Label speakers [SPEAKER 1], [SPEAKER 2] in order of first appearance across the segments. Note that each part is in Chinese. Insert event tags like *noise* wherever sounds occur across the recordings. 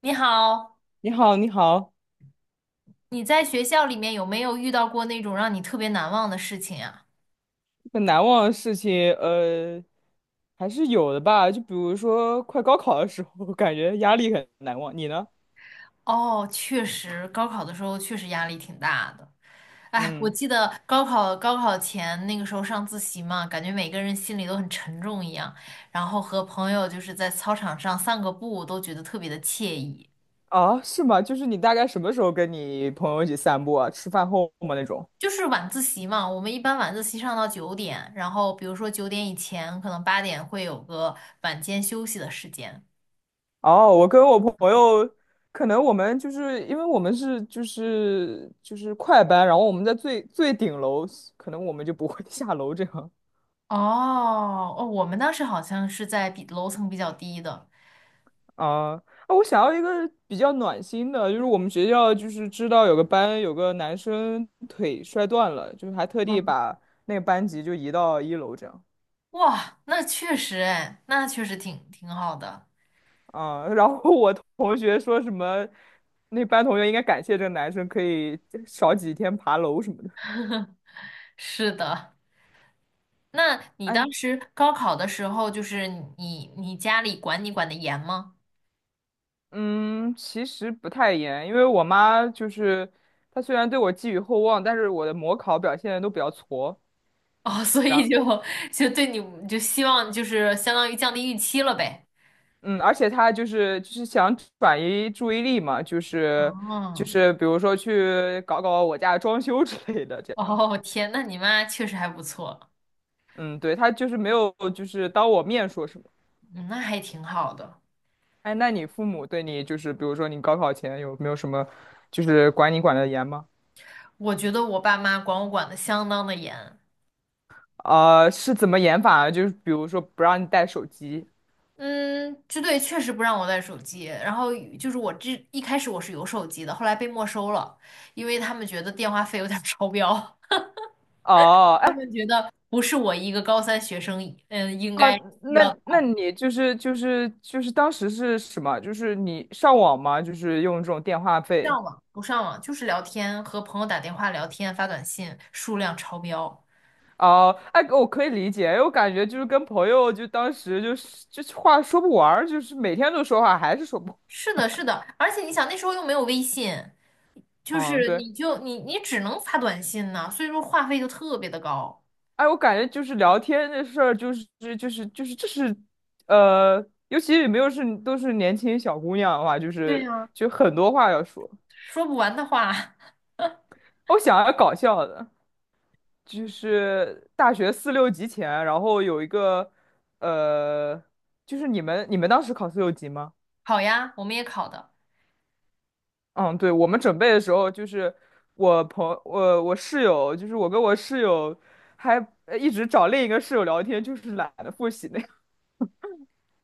[SPEAKER 1] 你好，
[SPEAKER 2] 你好，你好，
[SPEAKER 1] 你在学校里面有没有遇到过那种让你特别难忘的事情呀？
[SPEAKER 2] 很难忘的事情，还是有的吧。就比如说，快高考的时候，*laughs* 我感觉压力很难忘。你呢？
[SPEAKER 1] 哦，确实，高考的时候确实压力挺大的。哎，我
[SPEAKER 2] 嗯，
[SPEAKER 1] 记得高考前那个时候上自习嘛，感觉每个人心里都很沉重一样，然后和朋友就是在操场上散个步，都觉得特别的惬意。
[SPEAKER 2] 啊，是吗？就是你大概什么时候跟你朋友一起散步啊？吃饭后吗那种？
[SPEAKER 1] 就是晚自习嘛，我们一般晚自习上到九点，然后比如说九点以前，可能8点会有个晚间休息的时间。
[SPEAKER 2] 哦，我跟我朋友，可能我们就是因为我们是就是快班，然后我们在最顶楼，可能我们就不会 *laughs* 下楼这样。
[SPEAKER 1] 哦哦，我们当时好像是在比楼层比较低的。
[SPEAKER 2] 啊我想要一个比较暖心的，就是我们学校就是知道有个班有个男生腿摔断了，就是还特地
[SPEAKER 1] 嗯，
[SPEAKER 2] 把那个班级就移到一楼这样
[SPEAKER 1] 哇，那确实哎，那确实挺好的。
[SPEAKER 2] 啊。*laughs* 然后我同学说什么，那班同学应该感谢这个男生可以少几天爬楼什么的。
[SPEAKER 1] 是的，那你
[SPEAKER 2] 安，
[SPEAKER 1] 当时高考的时候，就是你家里管你管得严吗？
[SPEAKER 2] 嗯，其实不太严，因为我妈就是她虽然对我寄予厚望，但是我的模考表现都比较挫。
[SPEAKER 1] 哦，*laughs* 所以就对你就希望就是相当于降低预期了呗。
[SPEAKER 2] 嗯，而且他就是想转移注意力嘛，就是就
[SPEAKER 1] 哦
[SPEAKER 2] 是比如说去搞搞我家装修之类的这样。
[SPEAKER 1] 哦，天，那你妈确实还不错，
[SPEAKER 2] 嗯，对，他就是没有就是当我面说什么。
[SPEAKER 1] 嗯那还挺好的。
[SPEAKER 2] 哎，那你父母对你就是比如说你高考前有没有什么就是管你管的严吗？
[SPEAKER 1] 我觉得我爸妈管我管的相当的严。
[SPEAKER 2] 啊、是怎么严法啊？就是比如说不让你带手机。
[SPEAKER 1] 嗯，支队确实不让我带手机，然后就是我这一开始我是有手机的，后来被没收了，因为他们觉得电话费有点儿超标，
[SPEAKER 2] 哦，哎。
[SPEAKER 1] *laughs* 不是我一个高三学生，嗯，应
[SPEAKER 2] 啊，
[SPEAKER 1] 该需
[SPEAKER 2] 那
[SPEAKER 1] 要的
[SPEAKER 2] 那你就是当时是什么？就是你上网吗？就是用这种电话费。
[SPEAKER 1] 上网不上网就是聊天，和朋友打电话聊天发短信数量超标。
[SPEAKER 2] 哦，哎，我可以理解，因为我感觉就是跟朋友，就当时就是话说不完儿就是每天都说话，还是说不，
[SPEAKER 1] 是的，是的，而且你想那时候又没有微信，就
[SPEAKER 2] 嗯，
[SPEAKER 1] 是
[SPEAKER 2] 对，
[SPEAKER 1] 你就你只能发短信呢，所以说话费就特别的高，
[SPEAKER 2] 哎，我感觉就是聊天的事儿、就是，就是这是，尤其是没有是都是年轻小姑娘的话，就
[SPEAKER 1] 对
[SPEAKER 2] 是
[SPEAKER 1] 呀。
[SPEAKER 2] 就很多话要说。
[SPEAKER 1] 说不完的话。*laughs*
[SPEAKER 2] 我想要搞笑的，就是大学四六级前，然后有一个，呃，就是你们当时考四六级吗？
[SPEAKER 1] 考呀，我们也考的。
[SPEAKER 2] 嗯，对，我们准备的时候，就是我朋我我室友，就是我跟我室友还一直找另一个室友聊天，就是懒得复习那样。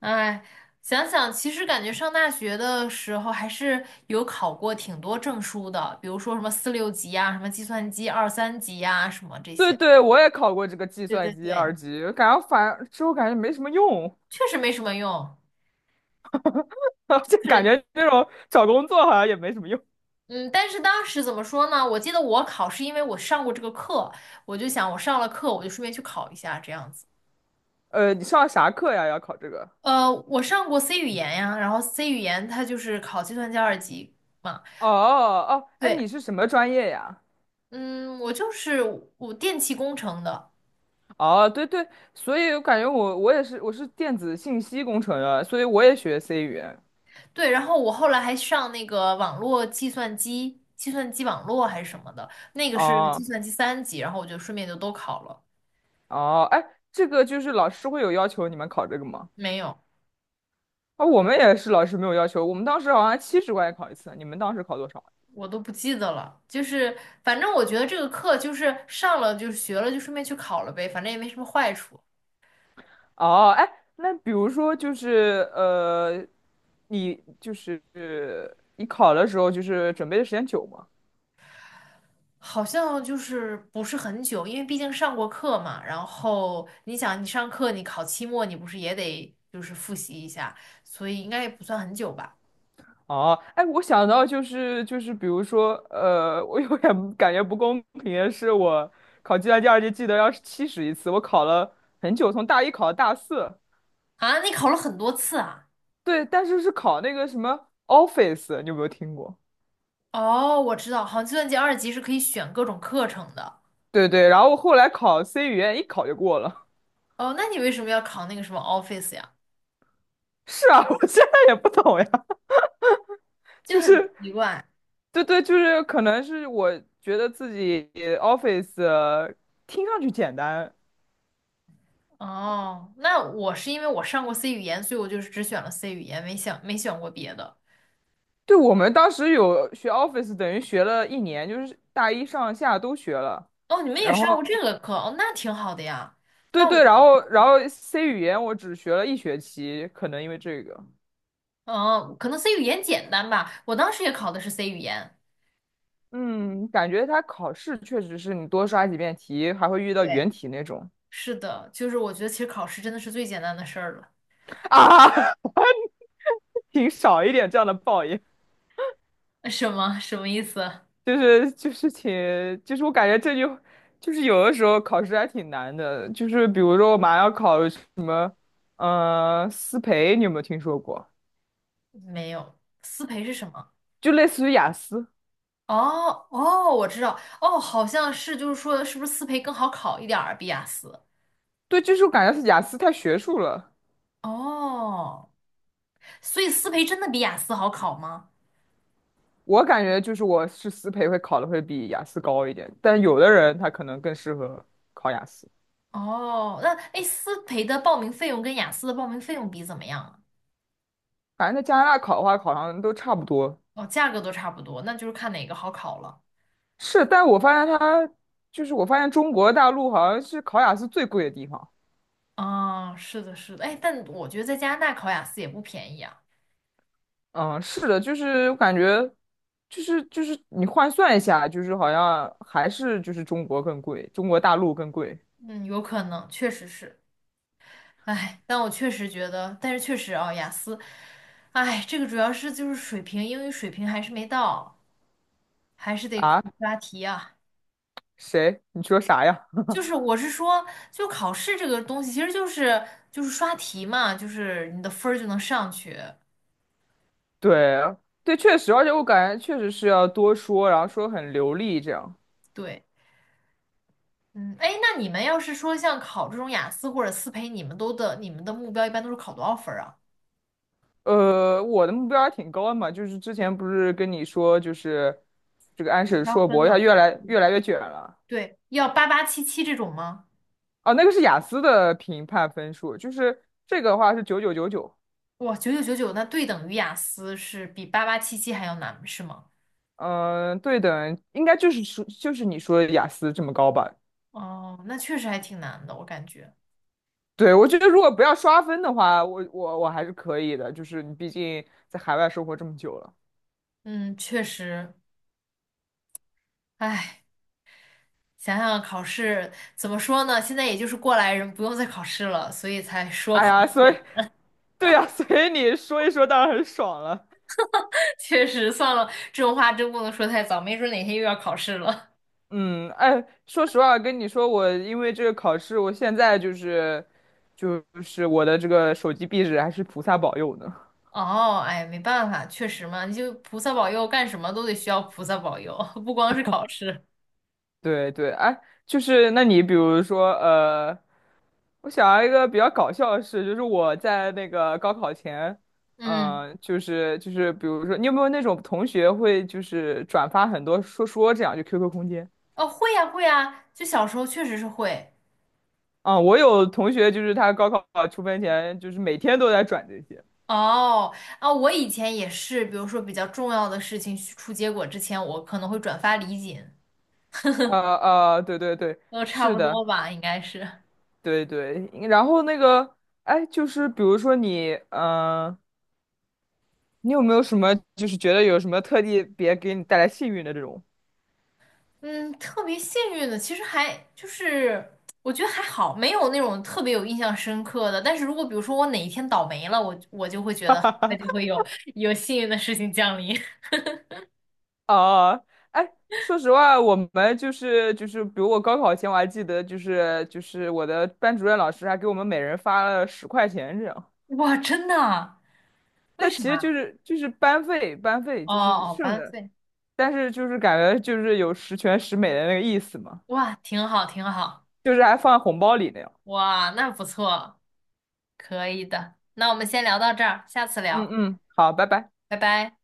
[SPEAKER 1] 哎，想想，其实感觉上大学的时候还是有考过挺多证书的，比如说什么四六级呀、什么计算机二三级呀、什么这
[SPEAKER 2] *laughs* 对
[SPEAKER 1] 些。
[SPEAKER 2] 对，我也考过这个计
[SPEAKER 1] 对
[SPEAKER 2] 算
[SPEAKER 1] 对
[SPEAKER 2] 机
[SPEAKER 1] 对，
[SPEAKER 2] 二级，感觉反之后感觉没什么用，
[SPEAKER 1] 确实没什么用。
[SPEAKER 2] *laughs* 就
[SPEAKER 1] 就
[SPEAKER 2] 感
[SPEAKER 1] 是
[SPEAKER 2] 觉这种找工作好像也没什么用。
[SPEAKER 1] 嗯，但是当时怎么说呢？我记得我考是因为我上过这个课，我就想我上了课，我就顺便去考一下这样子。
[SPEAKER 2] 你上啥课呀？要考这个？
[SPEAKER 1] 呃，我上过 C 语言呀，然后 C 语言它就是考计算机二级嘛。
[SPEAKER 2] 哦哦，哎，
[SPEAKER 1] 对，
[SPEAKER 2] 你是什么专业呀？
[SPEAKER 1] 嗯，我就是我电气工程的。
[SPEAKER 2] 哦，对对，所以我感觉我也是我是电子信息工程的，所以我也学 C 语言。
[SPEAKER 1] 对，然后我后来还上那个网络计算机，计算机网络还是什么的，那个是
[SPEAKER 2] 哦
[SPEAKER 1] 计算机三级，然后我就顺便就都考了，
[SPEAKER 2] 哦，哎，这个就是老师会有要求你们考这个吗？
[SPEAKER 1] 没有，
[SPEAKER 2] 啊、我们也是老师没有要求，我们当时好像70块钱考一次，你们当时考多少
[SPEAKER 1] 我都不记得了，就是反正我觉得这个课就是上了就是学了就顺便去考了呗，反正也没什么坏处，
[SPEAKER 2] 啊？哦，哎，那比如说就是你就是你考的时候就是准备的时间久吗？
[SPEAKER 1] 好像就是不是很久，因为毕竟上过课嘛，然后你想你上课你考期末你不是也得就是复习一下，所以应该也不算很久吧？
[SPEAKER 2] 哦，哎，我想到就是比如说我有点 *laughs* 感觉不公平的是，我考计算机二级记得要是七十一次，我考了很久，从大一考到大四，
[SPEAKER 1] 啊，你考了很多次啊？
[SPEAKER 2] 对，但是考那个什么 Office，你有没有听过？
[SPEAKER 1] 哦，我知道，好像计算机二级是可以选各种课程的。
[SPEAKER 2] 对对，然后后来考 C 语言一考就过了。
[SPEAKER 1] 哦，那你为什么要考那个什么 Office 呀？
[SPEAKER 2] *laughs* 是啊，我现在也不懂呀，
[SPEAKER 1] 就
[SPEAKER 2] 就
[SPEAKER 1] 很
[SPEAKER 2] 是，
[SPEAKER 1] 奇怪。
[SPEAKER 2] 对对，就是可能是我觉得自己 Office 听上去简单，
[SPEAKER 1] 哦，那我是因为我上过 C 语言，所以我就是只选了 C 语言，没选过别的。
[SPEAKER 2] 对我们当时有学 Office，等于学了一年，就是大一上下都学了。
[SPEAKER 1] 哦，你们也
[SPEAKER 2] 然后
[SPEAKER 1] 上过这个课，哦，那挺好的呀。
[SPEAKER 2] 对
[SPEAKER 1] 那我，
[SPEAKER 2] 对，然后 C 语言我只学了一学期，可能因为这个，
[SPEAKER 1] 嗯，可能 C 语言简单吧，我当时也考的是 C 语言。
[SPEAKER 2] 嗯，感觉它考试确实是你多刷几遍题，还会遇到
[SPEAKER 1] 对，
[SPEAKER 2] 原题那种
[SPEAKER 1] 是的，就是我觉得其实考试真的是最简单的事儿了。
[SPEAKER 2] 啊。*laughs* 挺少一点这样的报应，
[SPEAKER 1] 什么什么意思？
[SPEAKER 2] 就是请，就是我感觉这就是有的时候考试还挺难的，就是比如说我马上要考什么，思培，你有没有听说过？
[SPEAKER 1] 没有，思培是什么？
[SPEAKER 2] 就类似于雅思，
[SPEAKER 1] 哦哦，我知道，哦，好像是，就是说，是不是思培更好考一点儿？比雅思？
[SPEAKER 2] 对，就是我感觉是雅思太学术了，
[SPEAKER 1] 哦，所以思培真的比雅思好考吗？
[SPEAKER 2] 我感觉就是我是思培会考的会比雅思高一点，但有的人他可能更适合考雅思，
[SPEAKER 1] 哦，那哎，思培的报名费用跟雅思的报名费用比怎么样啊
[SPEAKER 2] 反正在加拿大考的话，好像都差不多。
[SPEAKER 1] 哦，价格都差不多，那就是看哪个好考了。
[SPEAKER 2] 是，但我发现他就是我发现中国大陆好像是考雅思最贵的地方。
[SPEAKER 1] 啊、是的，是的，哎，但我觉得在加拿大考雅思也不便宜啊。
[SPEAKER 2] 嗯，是的，就是我感觉，就是你换算一下，就是好像还是就是中国更贵，中国大陆更贵
[SPEAKER 1] 嗯，有可能，确实是。哎，但我确实觉得，但是确实啊，雅思，哎，这个主要是就是水平，英语水平还是没到。还是得苦
[SPEAKER 2] 啊？
[SPEAKER 1] 刷题啊。
[SPEAKER 2] 谁？你说啥呀？*laughs*
[SPEAKER 1] 就是我是说，就考试这个东西，其实就是就是刷题嘛，就是你的分儿就能上去。
[SPEAKER 2] 对对，确实，而且我感觉确实是要多说，然后说很流利这样。
[SPEAKER 1] 对，嗯，哎，那你们要是说像考这种雅思或者思培，你们的目标一般都是考多少分儿啊？
[SPEAKER 2] 我的目标还挺高的嘛，就是之前不是跟你说，就是这个安
[SPEAKER 1] 你
[SPEAKER 2] 史
[SPEAKER 1] 是要
[SPEAKER 2] 硕
[SPEAKER 1] 分
[SPEAKER 2] 博它
[SPEAKER 1] 吗？
[SPEAKER 2] 越来越卷了。
[SPEAKER 1] 对，要八八七七这种吗？
[SPEAKER 2] 哦，那个是雅思的评判分数，就是这个的话是9999。
[SPEAKER 1] 哇，9999，那对等于雅思是比八八七七还要难，是吗？
[SPEAKER 2] 嗯、对的，应该就是说就是你说的雅思这么高吧？
[SPEAKER 1] 哦，那确实还挺难的，我感觉。
[SPEAKER 2] 对，我觉得如果不要刷分的话，我还是可以的。就是你毕竟在海外生活这么久了，
[SPEAKER 1] 嗯，确实，唉。想想考试怎么说呢？现在也就是过来人，不用再考试了，所以才说
[SPEAKER 2] 哎
[SPEAKER 1] 考试
[SPEAKER 2] 呀，所以
[SPEAKER 1] 简单。
[SPEAKER 2] 对呀、所以你说一说当然很爽了。
[SPEAKER 1] *laughs* 确实，算了，这种话真不能说太早，没准哪天又要考试了。
[SPEAKER 2] 嗯，哎，说实话，跟你说，我因为这个考试，我现在就是我的这个手机壁纸还是菩萨保佑呢。
[SPEAKER 1] *laughs* 哦，哎，没办法，确实嘛，你就菩萨保佑，干什么都得需要菩萨保佑，*laughs* 不光是考试。
[SPEAKER 2] 对对，哎，就是那你比如说。我想要一个比较搞笑的事，就是我在那个高考前，
[SPEAKER 1] 嗯，
[SPEAKER 2] 嗯，就是，比如说，你有没有那种同学会就是转发很多说说这样，就 QQ 空间
[SPEAKER 1] 哦，会呀，会呀，就小时候确实是会。
[SPEAKER 2] 啊、我有同学就是他高考出分前，就是每天都在转这些。
[SPEAKER 1] 哦，啊，我以前也是，比如说比较重要的事情出结果之前，我可能会转发礼锦，
[SPEAKER 2] 对对对，
[SPEAKER 1] 都差
[SPEAKER 2] 是
[SPEAKER 1] 不
[SPEAKER 2] 的，
[SPEAKER 1] 多吧，应该是。
[SPEAKER 2] 对对。然后那个，哎，就是比如说你，嗯、你有没有什么就是觉得有什么特地别给你带来幸运的这种？
[SPEAKER 1] 嗯，特别幸运的，其实还就是我觉得还好，没有那种特别有印象深刻的。但是如果比如说我哪一天倒霉了，我就会觉得很快就
[SPEAKER 2] *laughs*
[SPEAKER 1] 会有幸运的事情降临。*laughs*
[SPEAKER 2] 哦，哎，说实话，我们就是，比如我高考前我还记得，就是我的班主任老师还给我们每人发了十块钱这样，
[SPEAKER 1] 哇，真的啊？为
[SPEAKER 2] 但其实
[SPEAKER 1] 啥？
[SPEAKER 2] 就是班费
[SPEAKER 1] 哦
[SPEAKER 2] 就是
[SPEAKER 1] 哦，
[SPEAKER 2] 剩
[SPEAKER 1] 班
[SPEAKER 2] 的，
[SPEAKER 1] 费，
[SPEAKER 2] 但是就是感觉就是有十全十美的那个意思嘛，
[SPEAKER 1] 哇，挺好挺好，
[SPEAKER 2] 就是还放在红包里那样。
[SPEAKER 1] 哇，那不错，可以的。那我们先聊到这儿，下次
[SPEAKER 2] 嗯
[SPEAKER 1] 聊，
[SPEAKER 2] 嗯，好，拜拜。
[SPEAKER 1] 拜拜。